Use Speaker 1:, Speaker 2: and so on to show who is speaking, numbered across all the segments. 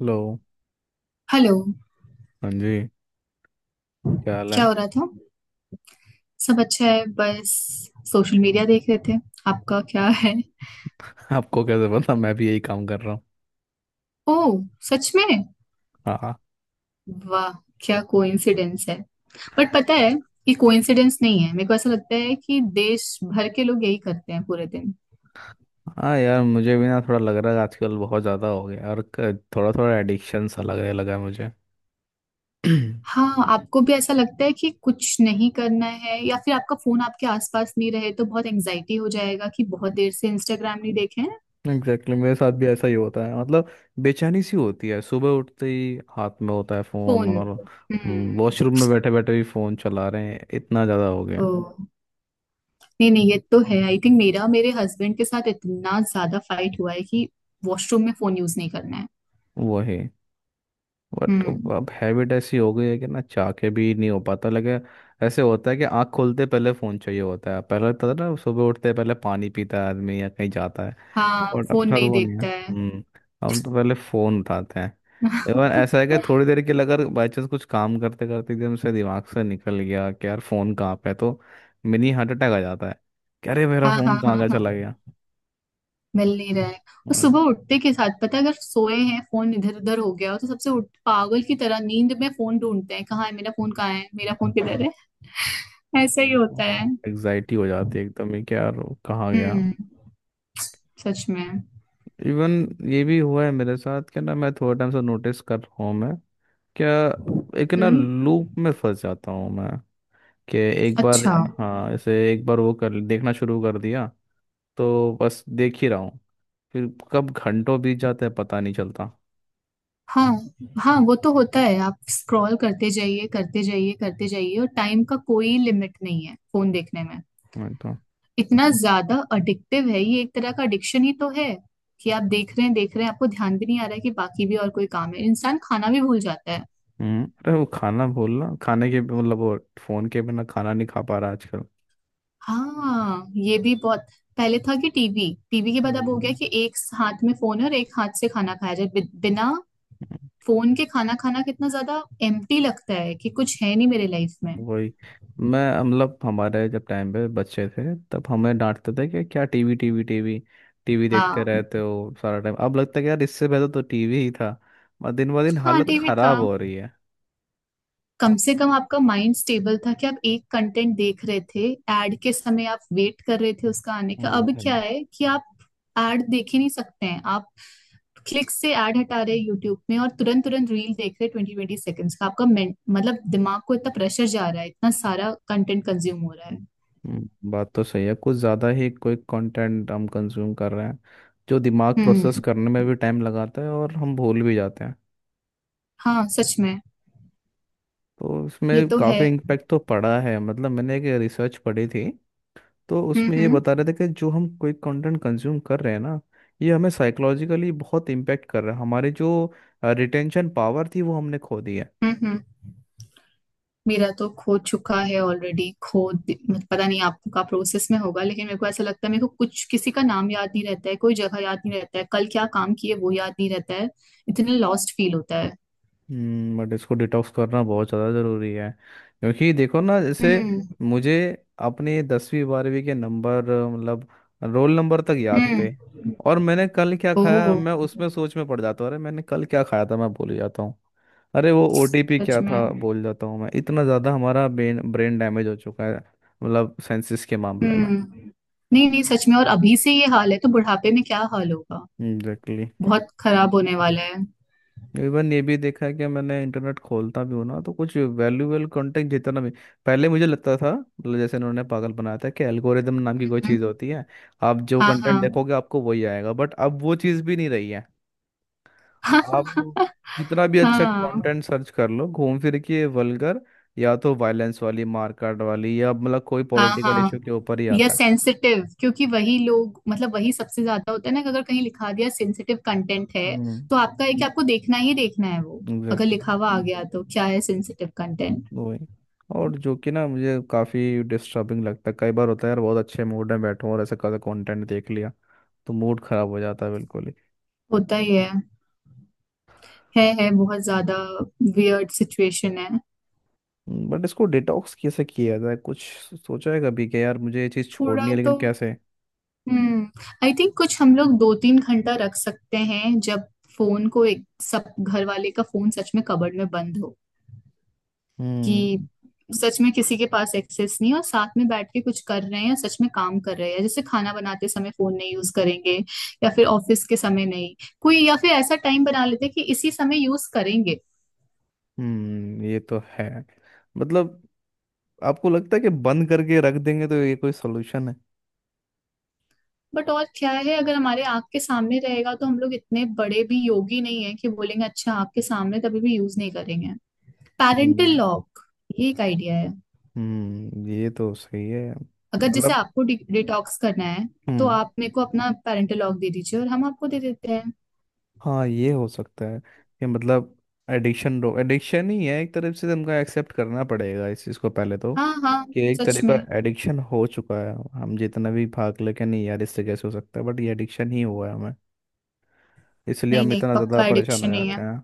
Speaker 1: Hello.
Speaker 2: Hello.
Speaker 1: हाँ जी। क्या हाल
Speaker 2: क्या
Speaker 1: है?
Speaker 2: हो रहा था? सब अच्छा है, बस सोशल मीडिया देख रहे थे। आपका क्या है?
Speaker 1: आपको कैसे पता मैं भी यही काम कर रहा हूँ।
Speaker 2: ओह, सच में?
Speaker 1: हाँ हाँ।
Speaker 2: वाह, क्या कोइंसिडेंस है। बट पता है, ये कोइंसिडेंस नहीं है, मेरे को ऐसा लगता है कि देश भर के लोग यही करते हैं पूरे दिन।
Speaker 1: हाँ यार मुझे भी ना थोड़ा लग रहा है, आजकल बहुत ज़्यादा हो गया और थोड़ा थोड़ा एडिक्शन सा लगने लगा है मुझे।
Speaker 2: हाँ, आपको भी ऐसा लगता है कि कुछ नहीं करना है या फिर आपका फोन आपके आसपास नहीं रहे तो बहुत एंजाइटी हो जाएगा कि बहुत देर से इंस्टाग्राम नहीं देखे हैं।
Speaker 1: एग्जैक्टली, मेरे साथ भी ऐसा ही होता है। मतलब बेचैनी सी होती है, सुबह उठते ही हाथ में होता है फ़ोन,
Speaker 2: फोन।
Speaker 1: और
Speaker 2: हम्म।
Speaker 1: वॉशरूम में बैठे बैठे भी फ़ोन चला रहे हैं, इतना ज़्यादा हो गया है।
Speaker 2: ओह। नहीं नहीं, ये तो है। आई थिंक मेरा मेरे हस्बैंड के साथ इतना ज्यादा फाइट हुआ है कि वॉशरूम में फोन यूज नहीं करना है।
Speaker 1: वही। बट
Speaker 2: हम्म।
Speaker 1: अब हैबिट ऐसी हो गई है कि ना चाह के भी नहीं हो पाता। लगे ऐसे होता है कि आंख खोलते पहले फोन चाहिए होता है, पहले तो ना सुबह उठते पहले पानी पीता है आदमी या कहीं जाता है,
Speaker 2: हाँ,
Speaker 1: और
Speaker 2: फोन
Speaker 1: अपना तो
Speaker 2: नहीं
Speaker 1: वो नहीं है।
Speaker 2: देखता है।
Speaker 1: हम्म। हम तो पहले फोन उठाते हैं। इवन ऐसा है कि थोड़ी देर के लिए अगर बाई चांस कुछ काम करते करते एकदम से दिमाग से निकल गया कि यार फोन कहाँ पे है, तो मिनी हार्ट अटैक आ जाता है कि अरे मेरा
Speaker 2: हाँ हाँ
Speaker 1: फोन कहाँ
Speaker 2: हाँ
Speaker 1: गया,
Speaker 2: हाँ।
Speaker 1: चला गया।
Speaker 2: मिल नहीं रहा है, और सुबह उठते के साथ पता है, अगर सोए हैं फोन इधर उधर हो गया हो तो सबसे उठ पागल की तरह नींद में फोन ढूंढते हैं, कहाँ है मेरा फोन, कहाँ है मेरा फोन, किधर है। ऐसा ही होता है।
Speaker 1: एग्जाइटी हो जाती है एकदम ही कि यार वो कहाँ गया।
Speaker 2: हम्म। सच में।
Speaker 1: इवन ये भी हुआ है मेरे साथ क्या ना, मैं थोड़ा टाइम से नोटिस कर रहा हूँ मैं क्या, एक ना
Speaker 2: हम्म।
Speaker 1: लूप में फंस जाता हूँ मैं, कि एक बार
Speaker 2: अच्छा।
Speaker 1: हाँ जैसे एक बार वो कर देखना शुरू कर दिया तो बस देख ही रहा हूँ, फिर कब घंटों बीत जाते हैं पता नहीं चलता।
Speaker 2: हाँ हाँ, वो तो होता है। आप स्क्रॉल करते जाइए, करते जाइए, करते जाइए, और टाइम का कोई लिमिट नहीं है फोन देखने में।
Speaker 1: मैं तो।
Speaker 2: इतना ज्यादा अडिक्टिव है, ये एक तरह का एडिक्शन ही तो है कि आप देख रहे हैं, देख रहे हैं, आपको ध्यान भी नहीं आ रहा है कि बाकी भी और कोई काम है। इंसान खाना भी भूल जाता है।
Speaker 1: हम्म, अरे वो खाना बोलना खाने के मतलब वो फोन के बिना खाना नहीं खा पा रहा आजकल।
Speaker 2: हाँ, ये भी बहुत। पहले था कि टीवी, टीवी के बाद अब हो गया
Speaker 1: वही।
Speaker 2: कि एक हाथ में फोन है और एक हाथ से खाना खाया जाए बिना
Speaker 1: हम्म।
Speaker 2: फोन के। खाना खाना कितना ज्यादा एम्प्टी लगता है कि कुछ है नहीं मेरे लाइफ में।
Speaker 1: वही। मैं मतलब हमारे जब टाइम पे बच्चे थे तब हमें डांटते थे कि क्या टीवी टीवी टीवी टीवी देखते
Speaker 2: हाँ
Speaker 1: रहते हो सारा टाइम, अब लगता है कि यार इससे बेहतर तो टीवी ही था। मतलब दिन ब दिन
Speaker 2: हाँ,
Speaker 1: हालत
Speaker 2: टीवी
Speaker 1: खराब
Speaker 2: था।
Speaker 1: हो रही है।
Speaker 2: कम से कम आपका माइंड स्टेबल था कि आप एक कंटेंट देख रहे थे। एड के समय आप वेट कर रहे थे उसका आने का। अब
Speaker 1: वो है।
Speaker 2: क्या है कि आप एड देख ही नहीं सकते हैं आप। क्लिक से एड हटा रहे हैं यूट्यूब में और तुरंत तुरंत रील देख रहे हैं ट्वेंटी ट्वेंटी सेकंड्स का आपका मतलब दिमाग को इतना प्रेशर जा रहा है, इतना सारा कंटेंट कंज्यूम हो रहा है।
Speaker 1: बात तो सही है, कुछ ज़्यादा ही कोई कंटेंट हम कंज्यूम कर रहे हैं जो दिमाग प्रोसेस
Speaker 2: हम्म।
Speaker 1: करने में भी टाइम लगाता है, और हम भूल भी जाते हैं।
Speaker 2: हाँ, सच में।
Speaker 1: तो
Speaker 2: ये
Speaker 1: इसमें
Speaker 2: तो है।
Speaker 1: काफ़ी इम्पैक्ट तो पड़ा है। मतलब मैंने एक रिसर्च पढ़ी थी, तो उसमें ये बता
Speaker 2: हम्म।
Speaker 1: रहे थे कि जो हम कोई कंटेंट कंज्यूम कर रहे हैं ना, ये हमें साइकोलॉजिकली बहुत इम्पेक्ट कर रहा है। हमारी जो रिटेंशन पावर थी वो हमने खो दी है।
Speaker 2: हम्म। मेरा तो खो चुका है ऑलरेडी। खो दि- मत- पता नहीं आपका प्रोसेस में होगा, लेकिन मेरे को ऐसा लगता है, मेरे को कुछ किसी का नाम याद नहीं रहता है, कोई जगह याद नहीं रहता है, कल क्या काम किए वो याद नहीं रहता है। इतने लॉस्ट फील होता है।
Speaker 1: हम्म। बट इसको डिटॉक्स करना बहुत ज़्यादा ज़रूरी है, क्योंकि देखो ना, जैसे
Speaker 2: हम्म
Speaker 1: मुझे अपने 10वीं 12वीं के नंबर, मतलब रोल नंबर तक याद
Speaker 2: हम्म।
Speaker 1: थे। और मैंने कल क्या
Speaker 2: ओह।
Speaker 1: खाया, मैं उसमें सोच में पड़ जाता हूँ, अरे मैंने कल क्या खाया था, मैं भूल जाता हूँ। अरे वो ओटीपी क्या
Speaker 2: सच
Speaker 1: था
Speaker 2: में।
Speaker 1: भूल जाता हूँ। मैं इतना ज़्यादा हमारा ब्रेन ब्रेन डैमेज हो चुका है, मतलब सेंसिस के मामले में।
Speaker 2: हम्म। नहीं नहीं, सच में, और अभी से ये हाल है तो बुढ़ापे में क्या हाल होगा।
Speaker 1: एग्जैक्टली।
Speaker 2: बहुत खराब होने वाला है।
Speaker 1: इवन ये भी देखा है कि मैंने इंटरनेट खोलता भी हूँ ना, तो कुछ वैल्यूएबल कंटेंट जितना भी, पहले मुझे लगता था मतलब जैसे इन्होंने पागल बनाया था कि एल्गोरिदम नाम की कोई
Speaker 2: हम्म,
Speaker 1: चीज़ होती है, आप जो
Speaker 2: हाँ
Speaker 1: कंटेंट
Speaker 2: हाँ।
Speaker 1: देखोगे आपको वही आएगा, बट अब वो चीज़ भी नहीं रही है। आप
Speaker 2: हाँ
Speaker 1: जितना भी अच्छा
Speaker 2: हाँ
Speaker 1: कंटेंट सर्च कर लो, घूम फिर के वल्गर, या तो वायलेंस वाली मारकाट वाली, या मतलब कोई
Speaker 2: हाँ
Speaker 1: पॉलिटिकल
Speaker 2: हाँ।
Speaker 1: इशू के ऊपर ही
Speaker 2: या
Speaker 1: आता है।
Speaker 2: सेंसिटिव, क्योंकि वही लोग मतलब वही सबसे ज्यादा होता है ना कि अगर कहीं लिखा दिया सेंसिटिव कंटेंट है
Speaker 1: हम्म।
Speaker 2: तो आपका है कि आपको देखना ही देखना है वो। अगर
Speaker 1: एग्जैक्टली।
Speaker 2: लिखा हुआ आ गया तो क्या है सेंसिटिव कंटेंट।
Speaker 1: वही। और जो कि ना मुझे काफ़ी डिस्टर्बिंग लगता है, कई बार होता है यार बहुत अच्छे मूड में बैठूं और ऐसा कैसा कंटेंट देख लिया, तो मूड खराब हो जाता है बिल्कुल ही।
Speaker 2: होता ही है। है, बहुत ज्यादा। वियर्ड सिचुएशन है।
Speaker 1: बट इसको डिटॉक्स कैसे किया जाए? कुछ सोचा है कभी कि यार मुझे ये चीज़
Speaker 2: थोड़ा
Speaker 1: छोड़नी है, लेकिन
Speaker 2: तो
Speaker 1: कैसे?
Speaker 2: हम्म आई थिंक कुछ हम लोग 2-3 घंटा रख सकते हैं जब फोन को, एक सब घर वाले का फोन सच में कबर्ड में बंद हो कि
Speaker 1: हम्म।
Speaker 2: सच में किसी के पास एक्सेस नहीं है, और साथ में बैठ के कुछ कर रहे हैं या सच में काम कर रहे हैं। जैसे खाना बनाते समय फोन नहीं यूज करेंगे, या फिर ऑफिस के समय नहीं। कोई या फिर ऐसा टाइम बना लेते हैं कि इसी समय यूज करेंगे।
Speaker 1: हम्म, ये तो है। मतलब आपको लगता है कि बंद करके रख देंगे तो ये कोई सोल्यूशन है?
Speaker 2: बट और क्या है, अगर हमारे आंख के सामने रहेगा तो हम लोग इतने बड़े भी योगी नहीं है कि बोलेंगे अच्छा आंख के सामने तभी भी यूज नहीं करेंगे। पेरेंटल
Speaker 1: हम्म।
Speaker 2: लॉक, ये एक आइडिया है।
Speaker 1: हम्म, ये तो सही है।
Speaker 2: अगर जैसे
Speaker 1: मतलब।
Speaker 2: आपको डिटॉक्स करना है तो
Speaker 1: हम्म।
Speaker 2: आप मेरे को अपना पेरेंटल लॉक दे दीजिए और हम आपको दे देते हैं।
Speaker 1: हाँ, ये हो सकता है कि, मतलब एडिक्शन रो एडिक्शन ही है, एक तरफ से तुमको एक्सेप्ट करना पड़ेगा इस चीज़ को पहले तो,
Speaker 2: हाँ हाँ।
Speaker 1: कि एक
Speaker 2: सच
Speaker 1: तरह
Speaker 2: में।
Speaker 1: का एडिक्शन हो चुका है। हम जितना भी भाग ले के, नहीं यार इससे कैसे हो सकता है, बट ये एडिक्शन ही हुआ है हमें, इसलिए
Speaker 2: नहीं
Speaker 1: हम
Speaker 2: नहीं,
Speaker 1: इतना ज़्यादा
Speaker 2: पक्का
Speaker 1: परेशान हो
Speaker 2: एडिक्शन ही
Speaker 1: जाते
Speaker 2: है।
Speaker 1: हैं।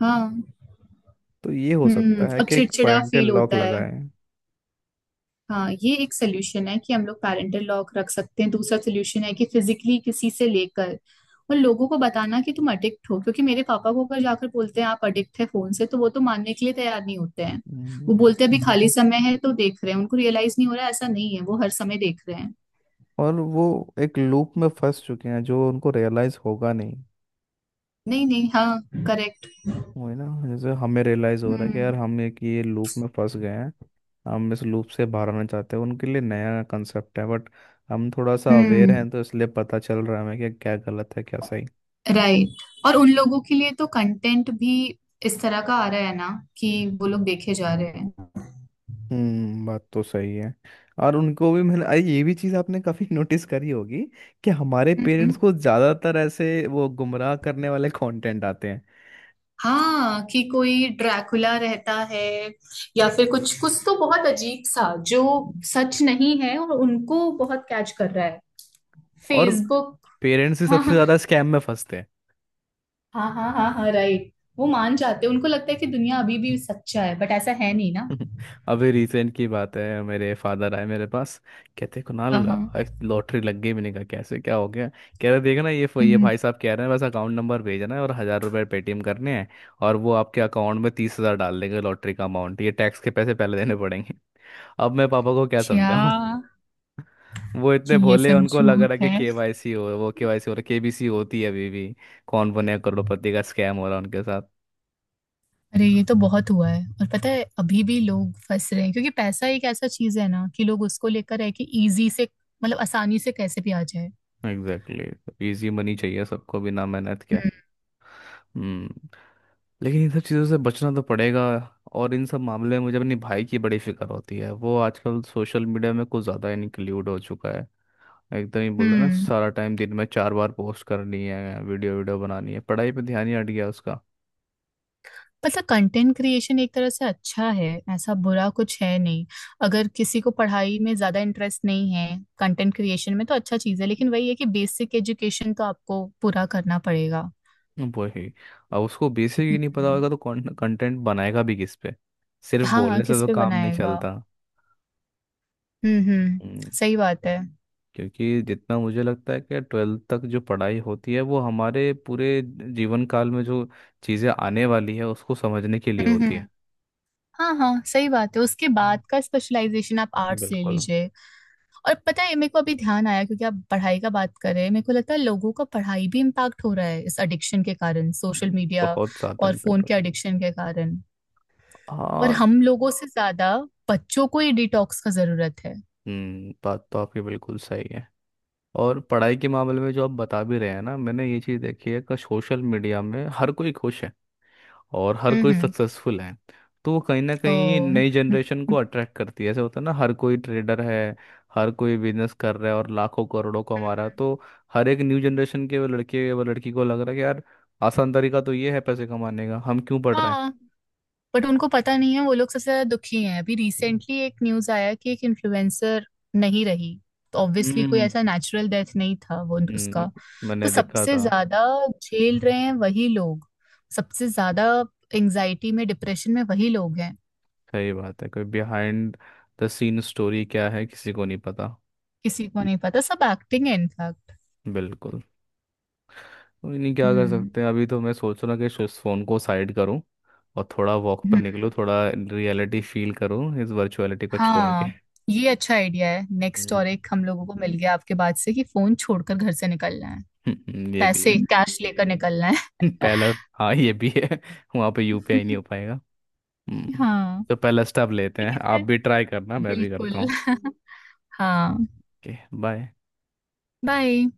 Speaker 2: हाँ।
Speaker 1: तो ये हो सकता
Speaker 2: हम्म,
Speaker 1: है
Speaker 2: और
Speaker 1: कि एक
Speaker 2: चिड़चिड़ा
Speaker 1: पेरेंटल
Speaker 2: फील
Speaker 1: लॉक
Speaker 2: होता है।
Speaker 1: लगाए।
Speaker 2: हाँ, ये एक सोल्यूशन है कि हम लोग पेरेंटल लॉक रख सकते हैं। दूसरा सोल्यूशन है कि फिजिकली किसी से लेकर और लोगों को बताना कि तुम अडिक्ट हो, क्योंकि मेरे पापा को अगर जाकर बोलते हैं आप अडिक्ट है फोन से तो वो तो मानने के लिए तैयार नहीं होते हैं।
Speaker 1: हम्म,
Speaker 2: वो बोलते हैं अभी खाली समय है तो देख रहे हैं, उनको रियलाइज नहीं हो रहा है, ऐसा नहीं है वो हर समय देख रहे हैं।
Speaker 1: और वो एक लूप में फंस चुके हैं जो उनको रियलाइज़ होगा नहीं।
Speaker 2: नहीं नहीं, हाँ, करेक्ट।
Speaker 1: वही ना, जैसे हमें रियलाइज़ हो रहा है कि
Speaker 2: हम्म
Speaker 1: यार हम एक ये लूप में फंस गए हैं, हम इस लूप से बाहर आना चाहते हैं, उनके लिए नया कंसेप्ट है। बट हम थोड़ा सा अवेयर
Speaker 2: हम्म।
Speaker 1: हैं, तो इसलिए पता चल रहा है हमें कि क्या गलत है क्या सही।
Speaker 2: राइट। और उन लोगों के लिए तो कंटेंट भी इस तरह का आ रहा है ना कि वो लोग देखे जा रहे हैं।
Speaker 1: हम्म, बात तो सही है। और उनको भी मैंने, अरे ये भी चीज़ आपने काफ़ी नोटिस करी होगी, कि हमारे पेरेंट्स
Speaker 2: हम्म।
Speaker 1: को ज़्यादातर ऐसे वो गुमराह करने वाले कंटेंट आते हैं।
Speaker 2: हाँ, कि कोई ड्रैकुला रहता है या फिर कुछ कुछ तो बहुत अजीब सा जो सच नहीं है, और उनको बहुत कैच कर रहा है
Speaker 1: और
Speaker 2: फेसबुक।
Speaker 1: पेरेंट्स ही
Speaker 2: हाँ
Speaker 1: सबसे
Speaker 2: हाँ।
Speaker 1: ज़्यादा स्कैम में फंसते हैं।
Speaker 2: हाँ हाँ हाँ हाँ, राइट। वो मान जाते हैं, उनको लगता है कि दुनिया अभी भी सच्चा है, बट ऐसा है
Speaker 1: हाँ।
Speaker 2: नहीं ना।
Speaker 1: अभी रिसेंट की बात है, मेरे फादर आए मेरे पास, कहते कुणाल
Speaker 2: हाँ हाँ।
Speaker 1: लॉटरी लग गई। मैंने कहा कैसे, क्या हो गया? कह रहे देखना ये
Speaker 2: हम्म,
Speaker 1: भाई साहब कह रहे हैं बस अकाउंट नंबर भेजना है और हजार रुपए पेटीएम करने हैं, और वो आपके अकाउंट में 30,000 डाल देंगे, लॉटरी का अमाउंट, ये टैक्स के पैसे पहले देने पड़ेंगे। अब मैं पापा को क्या
Speaker 2: क्या?
Speaker 1: समझाऊं? वो इतने
Speaker 2: कि ये
Speaker 1: भोले,
Speaker 2: सब
Speaker 1: उनको लग
Speaker 2: झूठ
Speaker 1: रहा है कि
Speaker 2: है।
Speaker 1: केवाईसी हो, वो केवाईसी हो रहा, केबीसी होती है अभी भी, कौन बने करोड़पति का स्कैम हो रहा है उनके साथ।
Speaker 2: अरे ये तो बहुत हुआ है, और पता है अभी भी लोग फंस रहे हैं, क्योंकि पैसा एक ऐसा चीज है ना कि लोग उसको लेकर है कि इजी से, मतलब आसानी से कैसे भी आ जाए।
Speaker 1: Exactly exactly. इजी मनी चाहिए सबको, बिना मेहनत के।
Speaker 2: हम्म।
Speaker 1: हम्म। लेकिन इन सब चीज़ों से बचना तो पड़ेगा। और इन सब मामले में मुझे अपने भाई की बड़ी फिक्र होती है, वो आजकल सोशल मीडिया में कुछ ज़्यादा इंक्लूड हो चुका है। एकदम ही बोलते हैं ना,
Speaker 2: हम्म।
Speaker 1: सारा टाइम दिन में 4 बार पोस्ट करनी है, वीडियो वीडियो बनानी है, पढ़ाई पे ध्यान ही हट गया उसका।
Speaker 2: मतलब कंटेंट क्रिएशन एक तरह से अच्छा है, ऐसा बुरा कुछ है नहीं। अगर किसी को पढ़ाई में ज्यादा इंटरेस्ट नहीं है, कंटेंट क्रिएशन में तो अच्छा चीज है, लेकिन वही है कि बेसिक एजुकेशन तो आपको पूरा करना पड़ेगा।
Speaker 1: वही। अब उसको बेसिक ही नहीं पता
Speaker 2: हम्म।
Speaker 1: होगा तो कंटेंट बनाएगा भी किस पे? सिर्फ
Speaker 2: हाँ,
Speaker 1: बोलने से
Speaker 2: किस
Speaker 1: तो
Speaker 2: पे
Speaker 1: काम नहीं
Speaker 2: बनाएगा?
Speaker 1: चलता।
Speaker 2: हम्म।
Speaker 1: हम्म,
Speaker 2: सही बात है।
Speaker 1: क्योंकि जितना मुझे लगता है कि 12वीं तक जो पढ़ाई होती है, वो हमारे पूरे जीवन काल में जो चीज़ें आने वाली है उसको समझने के लिए
Speaker 2: हम्म
Speaker 1: होती है।
Speaker 2: हम्म। हाँ हाँ, सही बात है। उसके बाद का स्पेशलाइजेशन, आप आर्ट्स ले
Speaker 1: बिल्कुल।
Speaker 2: लीजिए। और पता है मेरे को अभी ध्यान आया, क्योंकि आप पढ़ाई का बात कर रहे हैं, मेरे को लगता है लोगों का पढ़ाई भी इम्पैक्ट हो रहा है इस एडिक्शन के कारण, सोशल मीडिया
Speaker 1: बहुत ज्यादा
Speaker 2: और फोन
Speaker 1: इम्पेक्ट
Speaker 2: के एडिक्शन के कारण।
Speaker 1: होता,
Speaker 2: और
Speaker 1: हाँ।
Speaker 2: हम लोगों से ज्यादा बच्चों को ही डिटॉक्स का जरूरत है।
Speaker 1: हम्म, बात तो आपकी बिल्कुल सही है। और पढ़ाई के मामले में जो आप बता भी रहे हैं ना, मैंने ये चीज़ देखी है कि सोशल मीडिया में हर कोई खुश है और हर कोई
Speaker 2: हम्म।
Speaker 1: सक्सेसफुल है, तो वो कहीं ना
Speaker 2: ओ।
Speaker 1: कहीं नई जनरेशन को अट्रैक्ट करती है। ऐसे होता है ना, हर कोई ट्रेडर है, हर कोई बिजनेस कर रहा है और लाखों करोड़ों कमा रहा है, तो हर एक न्यू जनरेशन के वो लड़के वो लड़की को लग रहा है कि यार आसान तरीका तो ये है पैसे कमाने का, हम क्यों पढ़ रहे
Speaker 2: हाँ, बट उनको पता नहीं है, वो लोग सबसे ज्यादा दुखी हैं। अभी
Speaker 1: हैं।
Speaker 2: रिसेंटली एक न्यूज आया कि एक इन्फ्लुएंसर नहीं रही, तो ऑब्वियसली कोई
Speaker 1: हम्म।
Speaker 2: ऐसा नेचुरल डेथ नहीं था वो उसका
Speaker 1: हम्म,
Speaker 2: तो।
Speaker 1: मैंने देखा
Speaker 2: सबसे
Speaker 1: था।
Speaker 2: ज्यादा झेल रहे हैं वही लोग, सबसे ज्यादा एंजाइटी में, डिप्रेशन में वही लोग हैं।
Speaker 1: सही बात है, कोई बिहाइंड द सीन स्टोरी क्या है किसी को नहीं पता।
Speaker 2: किसी को नहीं पता, सब एक्टिंग है इनफैक्ट।
Speaker 1: बिल्कुल। कोई नहीं, क्या कर
Speaker 2: हम्म
Speaker 1: सकते हैं, अभी तो मैं सोच रहा कि इस फोन को साइड करूं, और थोड़ा वॉक पे
Speaker 2: हम्म,
Speaker 1: निकलूं, थोड़ा रियलिटी फील करूं इस वर्चुअलिटी को छोड़ के।
Speaker 2: हाँ। ये अच्छा आइडिया है, नेक्स्ट और
Speaker 1: हम्म।
Speaker 2: एक हम लोगों को मिल गया आपके बाद से, कि फोन छोड़कर घर से निकलना है,
Speaker 1: ये भी
Speaker 2: पैसे
Speaker 1: है।
Speaker 2: कैश लेकर निकलना है।
Speaker 1: पहला, हाँ ये भी है। वहाँ पे यूपीआई नहीं हो पाएगा। हम्म।
Speaker 2: हाँ।
Speaker 1: तो पहला स्टेप लेते
Speaker 2: ठीक
Speaker 1: हैं, आप
Speaker 2: है,
Speaker 1: भी ट्राई करना, मैं भी
Speaker 2: बिल्कुल।
Speaker 1: करता हूँ।
Speaker 2: हाँ।
Speaker 1: ओके। बाय।
Speaker 2: बाय।